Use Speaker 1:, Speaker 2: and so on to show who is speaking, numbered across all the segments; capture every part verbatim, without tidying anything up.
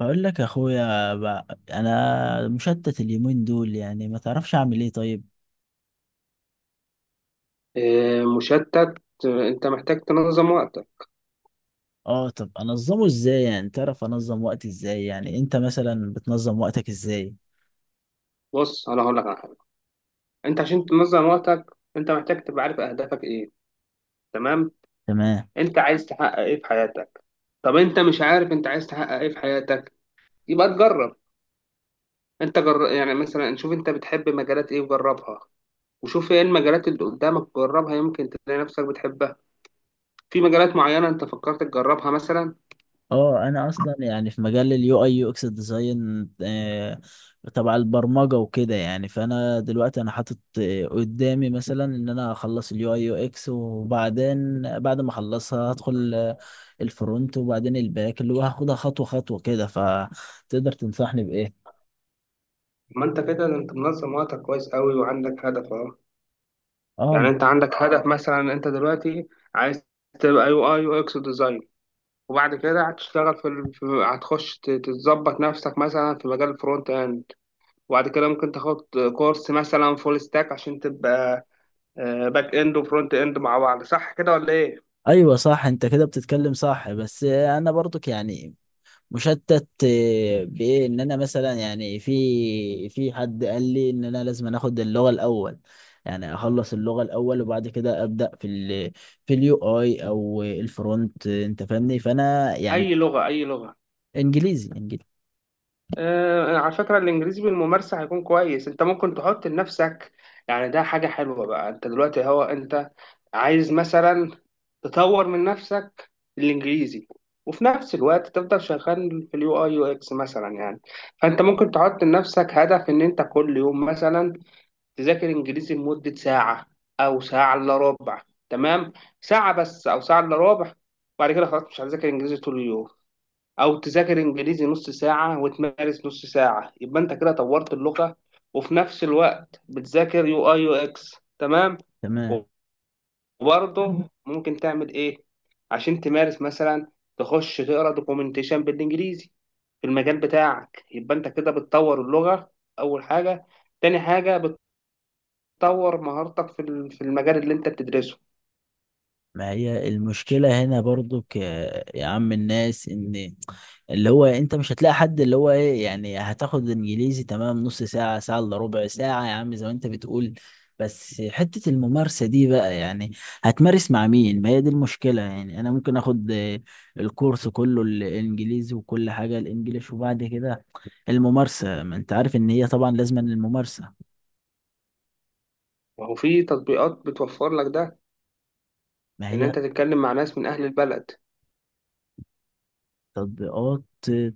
Speaker 1: بقول لك يا اخويا بقى انا مشتت اليومين دول، يعني ما تعرفش اعمل ايه. طيب
Speaker 2: آه، مشتت. آه، انت محتاج تنظم وقتك.
Speaker 1: اه، طب انظمه ازاي؟ يعني تعرف انظم وقتي ازاي؟ يعني انت مثلا بتنظم وقتك ازاي؟
Speaker 2: بص، انا هقول لك على حاجه. انت عشان تنظم وقتك انت محتاج تبقى عارف اهدافك ايه. تمام.
Speaker 1: تمام.
Speaker 2: انت عايز تحقق ايه في حياتك؟ طب انت مش عارف انت عايز تحقق ايه في حياتك، يبقى تجرب. انت جر... يعني مثلا شوف انت بتحب مجالات ايه وجربها، وشوف ايه المجالات اللي قدامك جربها يمكن تلاقي نفسك بتحبها. في مجالات معينه انت فكرت تجربها مثلا؟
Speaker 1: اه انا اصلا يعني في مجال اليو اي يو اكس ديزاين، آه، تبع البرمجه وكده. يعني فانا دلوقتي انا حاطط آه، قدامي مثلا ان انا اخلص اليو اي يو اكس، وبعدين بعد ما اخلصها هدخل آه، الفرونت، وبعدين الباك، اللي هو هاخدها خطوه خطوه كده. فتقدر تنصحني بايه؟
Speaker 2: ما انت كده انت منظم وقتك كويس قوي وعندك هدف اهو.
Speaker 1: اه
Speaker 2: يعني انت عندك هدف مثلا، انت دلوقتي عايز تبقى يو اي يو اكس ديزاين، وبعد كده هتشتغل في, ال... في هتخش ت- تظبط نفسك مثلا في مجال الفرونت اند، وبعد كده ممكن تاخد كورس مثلا فول ستاك عشان تبقى باك اند وفرونت اند مع بعض. صح كده ولا ايه؟
Speaker 1: ايوه صح، انت كده بتتكلم صح، بس انا برضك يعني مشتت آه، بايه، ان انا مثلا يعني في في حد قال لي ان انا لازم اخد اللغه الاول، يعني اخلص اللغه الاول وبعد كده ابدا في ال في اليو اي او الفرونت، آه، انت فاهمني. فانا يعني
Speaker 2: اي لغة اي لغة؟
Speaker 1: انجليزي انجليزي.
Speaker 2: آه، على فكرة الإنجليزي بالممارسة هيكون كويس. أنت ممكن تحط لنفسك، يعني ده حاجة حلوة بقى. أنت دلوقتي هو أنت عايز مثلا تطور من نفسك الإنجليزي، وفي نفس الوقت تفضل شغال في اليو أي يو إكس مثلا، يعني فأنت ممكن تحط لنفسك هدف إن أنت كل يوم مثلا تذاكر إنجليزي لمدة ساعة أو ساعة إلا ربع. تمام. ساعة بس أو ساعة إلا ربع، وبعد كده خلاص مش هتذاكر إنجليزي طول اليوم. او تذاكر انجليزي نص ساعه وتمارس نص ساعه، يبقى انت كده طورت اللغه وفي نفس الوقت بتذاكر يو اي يو اكس. تمام.
Speaker 1: تمام.
Speaker 2: وبرضه ممكن تعمل ايه عشان تمارس؟ مثلا تخش تقرا دوكيومنتيشن بالانجليزي في المجال بتاعك، يبقى انت كده بتطور اللغه اول حاجه، تاني حاجه بتطور مهارتك في ال- في المجال اللي انت بتدرسه.
Speaker 1: ما هي المشكلة هنا برضو ك... يا عم الناس، ان اللي هو انت مش هتلاقي حد، اللي هو ايه يعني، هتاخد انجليزي تمام نص ساعة، ساعة الا ربع ساعة يا عم زي ما انت بتقول، بس حتة الممارسة دي بقى يعني هتمارس مع مين؟ ما هي دي المشكلة. يعني انا ممكن اخد آه، الكورس كله الانجليزي وكل حاجة الانجليش، وبعد كده الممارسة، ما انت عارف ان هي طبعا لازم الممارسة.
Speaker 2: وهو في تطبيقات بتوفر لك ده،
Speaker 1: ما
Speaker 2: ان
Speaker 1: هي
Speaker 2: انت تتكلم مع ناس من اهل البلد.
Speaker 1: تطبيقات.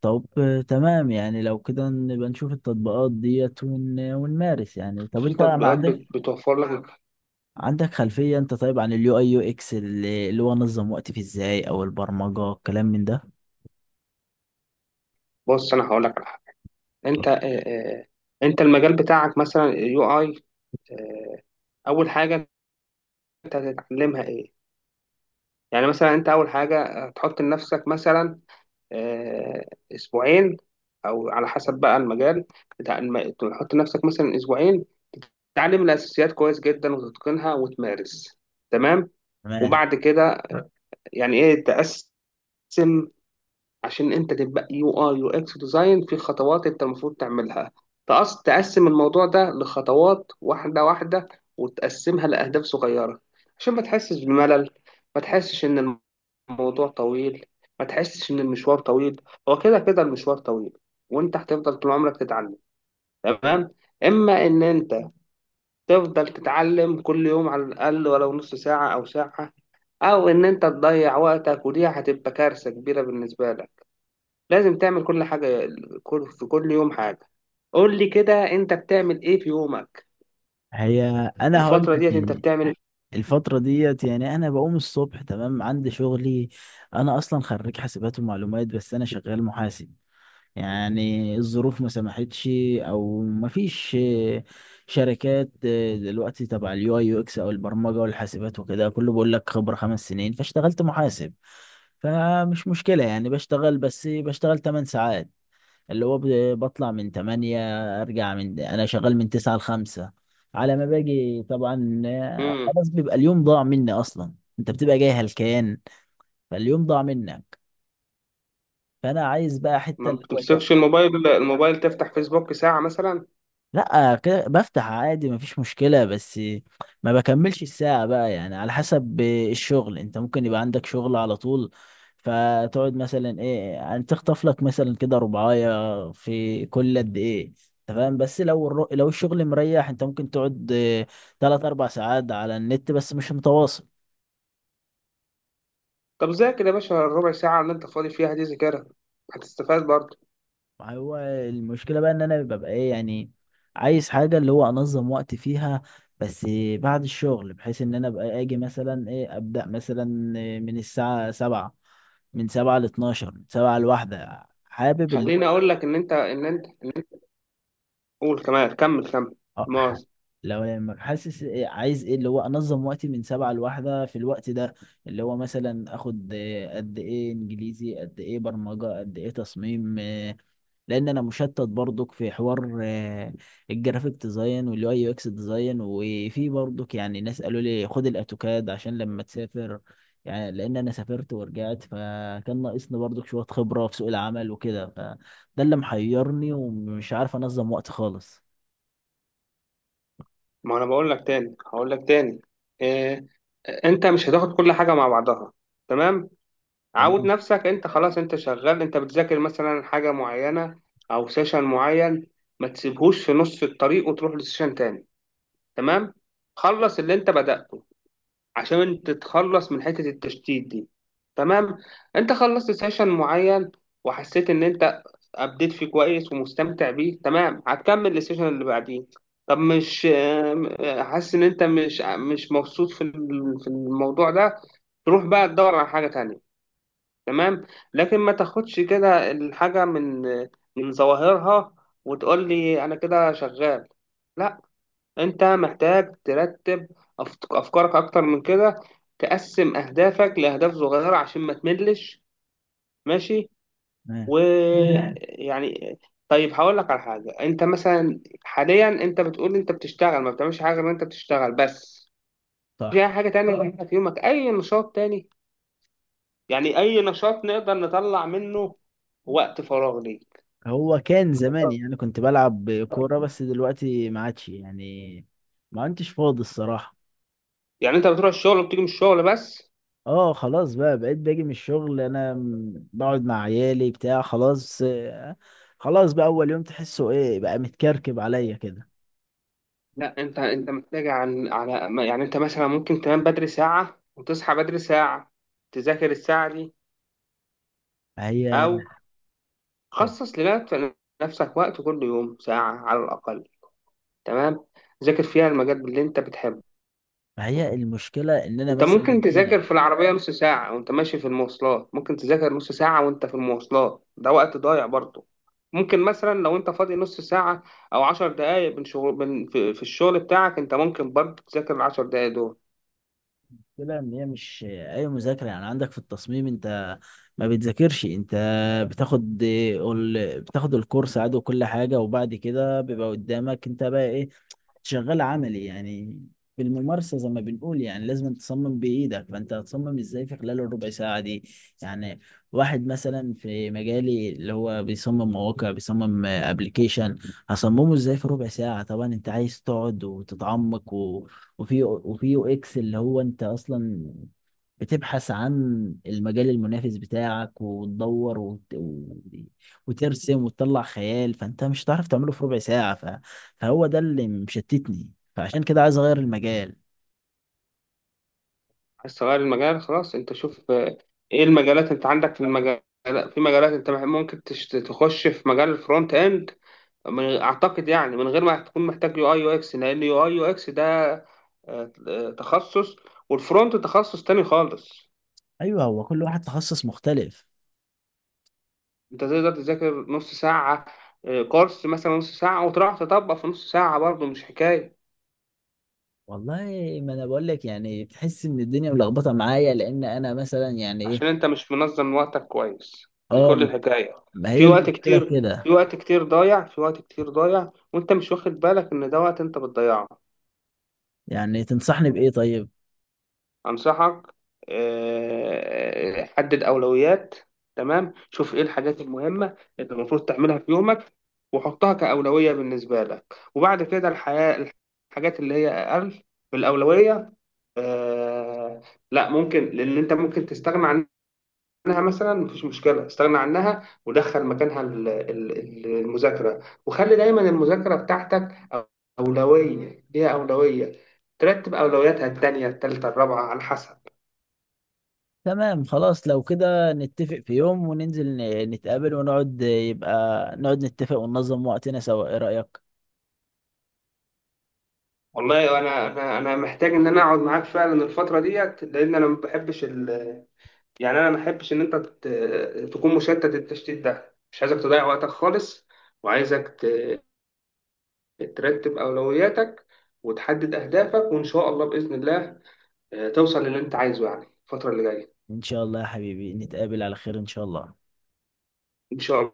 Speaker 1: طب تمام، يعني لو كده نبقى نشوف التطبيقات ديت ون... ونمارس. يعني طب
Speaker 2: في
Speaker 1: انت ما
Speaker 2: تطبيقات
Speaker 1: عندك،
Speaker 2: بت- بتوفر لك.
Speaker 1: عندك خلفية انت طيب عن اليو اي يو اكس، اللي اللي هو انظم وقتي فيه ازاي، او البرمجة الكلام من ده؟
Speaker 2: بص انا هقول لك على حاجه. انت آه، آه، انت المجال بتاعك مثلا يو اي، اول حاجه انت هتتعلمها ايه؟ يعني مثلا انت اول حاجه آه، تحط لنفسك مثلا آه، اسبوعين، او على حسب بقى المجال بتاع الم... تحط لنفسك مثلا اسبوعين تعلم الاساسيات كويس جدا وتتقنها وتمارس. تمام.
Speaker 1: تمام.
Speaker 2: وبعد كده يعني ايه، تقسم. عشان انت تبقى يو اي يو اكس ديزاين في خطوات انت المفروض تعملها. تقص تقسم الموضوع ده لخطوات واحده واحده، وتقسمها لاهداف صغيره عشان ما تحسش بملل، ما تحسش ان الموضوع طويل، ما تحسش ان المشوار طويل. هو كده كده المشوار طويل وانت هتفضل طول عمرك تتعلم. تمام. اما ان انت تفضل تتعلم كل يوم على الاقل ولو نص ساعه او ساعه، او ان انت تضيع وقتك ودي هتبقى كارثه كبيره بالنسبه لك. لازم تعمل كل حاجة، كل- في كل يوم حاجة. قول لي كده انت بتعمل ايه في يومك؟
Speaker 1: هي انا هقول
Speaker 2: الفترة
Speaker 1: لك
Speaker 2: ديت انت
Speaker 1: يعني
Speaker 2: بتعمل؟
Speaker 1: الفترة ديت، يعني انا بقوم الصبح، تمام، عندي شغلي. انا اصلا خريج حاسبات ومعلومات، بس انا شغال محاسب، يعني الظروف ما سمحتش، او ما فيش آه، شركات آه، دلوقتي تبع اليو اي يو اكس او البرمجه والحاسبات وكده، كله بيقول لك خبره خمس سنين، فاشتغلت محاسب. فمش مشكله، يعني بشتغل، بس بشتغل 8 ساعات، اللي هو ب- بطلع من تمانية ارجع، من انا شغال من تسعة ل خمسة، على ما باجي طبعا آه،
Speaker 2: امم
Speaker 1: خلاص بيبقى اليوم ضاع مني اصلا. انت بتبقى جاي هلكان، فاليوم ضاع منك. فانا عايز بقى حته
Speaker 2: ما
Speaker 1: اللي هو إيه،
Speaker 2: بتمسكش الموبايل، الموبايل تفتح فيسبوك ساعة مثلا؟
Speaker 1: لا كده بفتح عادي مفيش مشكلة، بس ما بكملش الساعة بقى. يعني على حسب الشغل، انت ممكن يبقى عندك شغل على طول، فتقعد مثلا ايه يعني، تخطف لك مثلا كده ربعاية في كل قد ايه، انت فاهم. بس لو الر- لو الشغل مريح، انت ممكن تقعد اه، تلات اربع ساعات على النت، بس مش متواصل.
Speaker 2: طب ذاكر يا باشا الربع ساعة اللي انت فاضي فيها دي، ذاكرها هتستفاد برضه.
Speaker 1: هو المشكلة بقى ان انا ببقى ايه يعني، عايز حاجة اللي هو انظم وقت فيها، بس بعد الشغل، بحيث ان انا ابقى اجي مثلا ايه، ابدأ مثلا من الساعة سبعة، من سبعة لاتناشر، من سبعة لواحدة، حابب اللي
Speaker 2: خليني
Speaker 1: هو
Speaker 2: اقول لك ان انت ان انت قول كمان، كمل كمل.
Speaker 1: اه ح-
Speaker 2: مؤاخذة.
Speaker 1: لو لما حاسس إيه، عايز ايه اللي هو انظم وقتي من سبعة لواحدة في الوقت ده، اللي هو مثلا اخد إيه، قد ايه انجليزي، قد ايه برمجة، قد ايه تصميم. لان انا مشتت برضك في حوار آه، الجرافيك ديزاين واليو اي يو اكس ديزاين، وفي برضك يعني ناس قالوا لي خد الاوتوكاد عشان لما تسافر، يعني لان انا سافرت ورجعت، فكان ناقصني برضك شوية خبرة في سوق العمل وكده. فده اللي محيرني، ومش عارف انظم وقت خالص.
Speaker 2: ما انا بقول لك تاني هقول لك تاني، إيه، انت مش هتاخد كل حاجة مع بعضها. تمام. عود
Speaker 1: تمام.
Speaker 2: نفسك انت، خلاص انت شغال، انت بتذاكر مثلا حاجة معينة او سيشن معين، ما تسيبهوش في نص الطريق وتروح لسيشن تاني. تمام. خلص اللي انت بدأته عشان انت تتخلص من حتة التشتيت دي. تمام. انت خلصت سيشن معين وحسيت ان انت ابديت فيه كويس ومستمتع بيه، تمام، هتكمل السيشن اللي بعديه. طب مش ام- حاسس ان انت مش مش مبسوط في ال- في الموضوع ده، تروح بقى تدور على حاجة تانية. تمام. لكن ما تاخدش كده الحاجة من من ظواهرها وتقول لي أنا كده شغال. لا، أنت محتاج ترتب أفك- أفكارك أكتر من كده، تقسم أهدافك لأهداف صغيرة عشان ما تملش. ماشي، مم.
Speaker 1: تمام.
Speaker 2: ويعني طيب هقول لك على حاجة. أنت مثلا حاليا أنت بتقول أنت بتشتغل، ما بتعملش حاجة غير أنت بتشتغل بس؟ في
Speaker 1: صح.
Speaker 2: أي حاجة تانية بتعملها في يومك؟ أي نشاط تاني، يعني أي نشاط نقدر نطلع منه وقت فراغ ليك؟
Speaker 1: هو كان زمان يعني كنت بلعب كورة، بس دلوقتي ما عادش يعني، ما عدتش فاضي الصراحة.
Speaker 2: يعني انت بتروح الشغل وبتيجي من الشغل بس؟
Speaker 1: اه خلاص بقى، بقيت باجي من الشغل انا م- بقعد مع عيالي بتاع، خلاص آه، خلاص بقى اول يوم تحسه ايه بقى متكركب عليا كده.
Speaker 2: لا، انت انت محتاج عن على ما- يعني انت مثلا ممكن تنام بدري ساعة وتصحى بدري ساعة، تذاكر الساعة دي.
Speaker 1: هي
Speaker 2: او
Speaker 1: اتفضل.
Speaker 2: خصص لنفسك، نفسك وقت كل يوم ساعة على الأقل. تمام. ذاكر فيها المجال اللي انت بتحبه.
Speaker 1: هي المشكله ان انا
Speaker 2: انت ممكن
Speaker 1: مثلا ايه
Speaker 2: تذاكر
Speaker 1: يعني،
Speaker 2: في العربية نص ساعة وانت ماشي في المواصلات، ممكن تذاكر نص ساعة وانت في المواصلات، ده وقت ضايع برضه. ممكن مثلا لو انت فاضي نص ساعة، او عشر دقايق من شغل من في, في الشغل بتاعك، انت ممكن برضه تذاكر العشر دقايق دول.
Speaker 1: المشكله ان هي مش اي مذاكره. يعني عندك في التصميم انت ما بتذاكرش انت، بتاخد ال- بتاخد الكورس عادي وكل حاجه، وبعد كده بيبقى قدامك انت بقى ايه، شغال عملي يعني، بالممارسة زي ما بنقول. يعني لازم تصمم بإيدك، فأنت هتصمم إزاي في خلال الربع ساعة دي؟ يعني واحد مثلا في مجالي اللي هو بيصمم مواقع، بيصمم ابلكيشن، هصممه إزاي في ربع ساعة؟ طبعا أنت عايز تقعد وتتعمق و... وفي وفي يو إكس اللي هو أنت أصلا بتبحث عن المجال المنافس بتاعك، وتدور وت... و... وترسم وتطلع خيال، فأنت مش هتعرف تعمله في ربع ساعة ف... فهو ده اللي مشتتني، فعشان كده عايز اغير المجال.
Speaker 2: عايز تغير المجال خلاص. انت شوف اه، ايه المجالات. انت عندك في المجال، في مجالات انت مح- ممكن تش- تخش في مجال الفرونت اند، من- اعتقد يعني من غير ما تكون محتاج يو اي يو اكس، لان يو اي يو اكس ده اه، اه، تخصص، والفرونت تخصص تاني خالص.
Speaker 1: ايوه، هو كل واحد تخصص مختلف.
Speaker 2: انت تقدر تذاكر نص ساعة، آه، كورس مثلا نص ساعة وتروح تطبق في نص ساعة برضه، مش حكاية.
Speaker 1: والله ما انا بقول لك، يعني تحس ان الدنيا ملخبطه معايا، لان انا مثلا يعني
Speaker 2: عشان
Speaker 1: ايه.
Speaker 2: انت مش منظم وقتك كويس، دي
Speaker 1: اه،
Speaker 2: كل
Speaker 1: ما
Speaker 2: الحكاية.
Speaker 1: ما هي
Speaker 2: في وقت
Speaker 1: المشكله في
Speaker 2: كتير في
Speaker 1: كده.
Speaker 2: وقت كتير ضايع في وقت كتير ضايع وانت مش واخد بالك ان ده وقت انت بتضيعه.
Speaker 1: يعني تنصحني بايه طيب؟
Speaker 2: أنصحك آه، حدد أولويات. تمام، شوف إيه الحاجات المهمة اللي المفروض تعملها في يومك، وحطها كأولوية بالنسبة لك. وبعد كده الحياة، الحاجات اللي هي أقل بالأولوية، آه، لا ممكن، لأن أنت ممكن تستغنى عنها. مثلا مفيش مشكلة، استغنى عنها ودخل مكانها ال- ال- ال- المذاكرة، وخلي دايما المذاكرة بتاعتك أولوية، ليها أولوية. ترتب أولوياتها التانية التالتة الرابعة على حسب.
Speaker 1: تمام خلاص، لو كده نتفق في يوم وننزل ن- نتقابل ونقعد، يبقى نقعد نتفق وننظم وقتنا سوا، ايه رايك؟
Speaker 2: والله انا انا انا محتاج ان انا اقعد معاك فعلا الفتره ديت، لان انا ما بحبش ال... يعني انا ما بحبش ان انت ت... تكون مشتت. التشتيت ده مش عايزك تضيع وقتك خالص، وعايزك ت... ترتب اولوياتك وتحدد اهدافك، وان شاء الله باذن الله آه، توصل للي انت عايزه يعني الفتره اللي جايه.
Speaker 1: ان شاء الله يا حبيبي نتقابل على خير ان شاء الله.
Speaker 2: ان شاء الله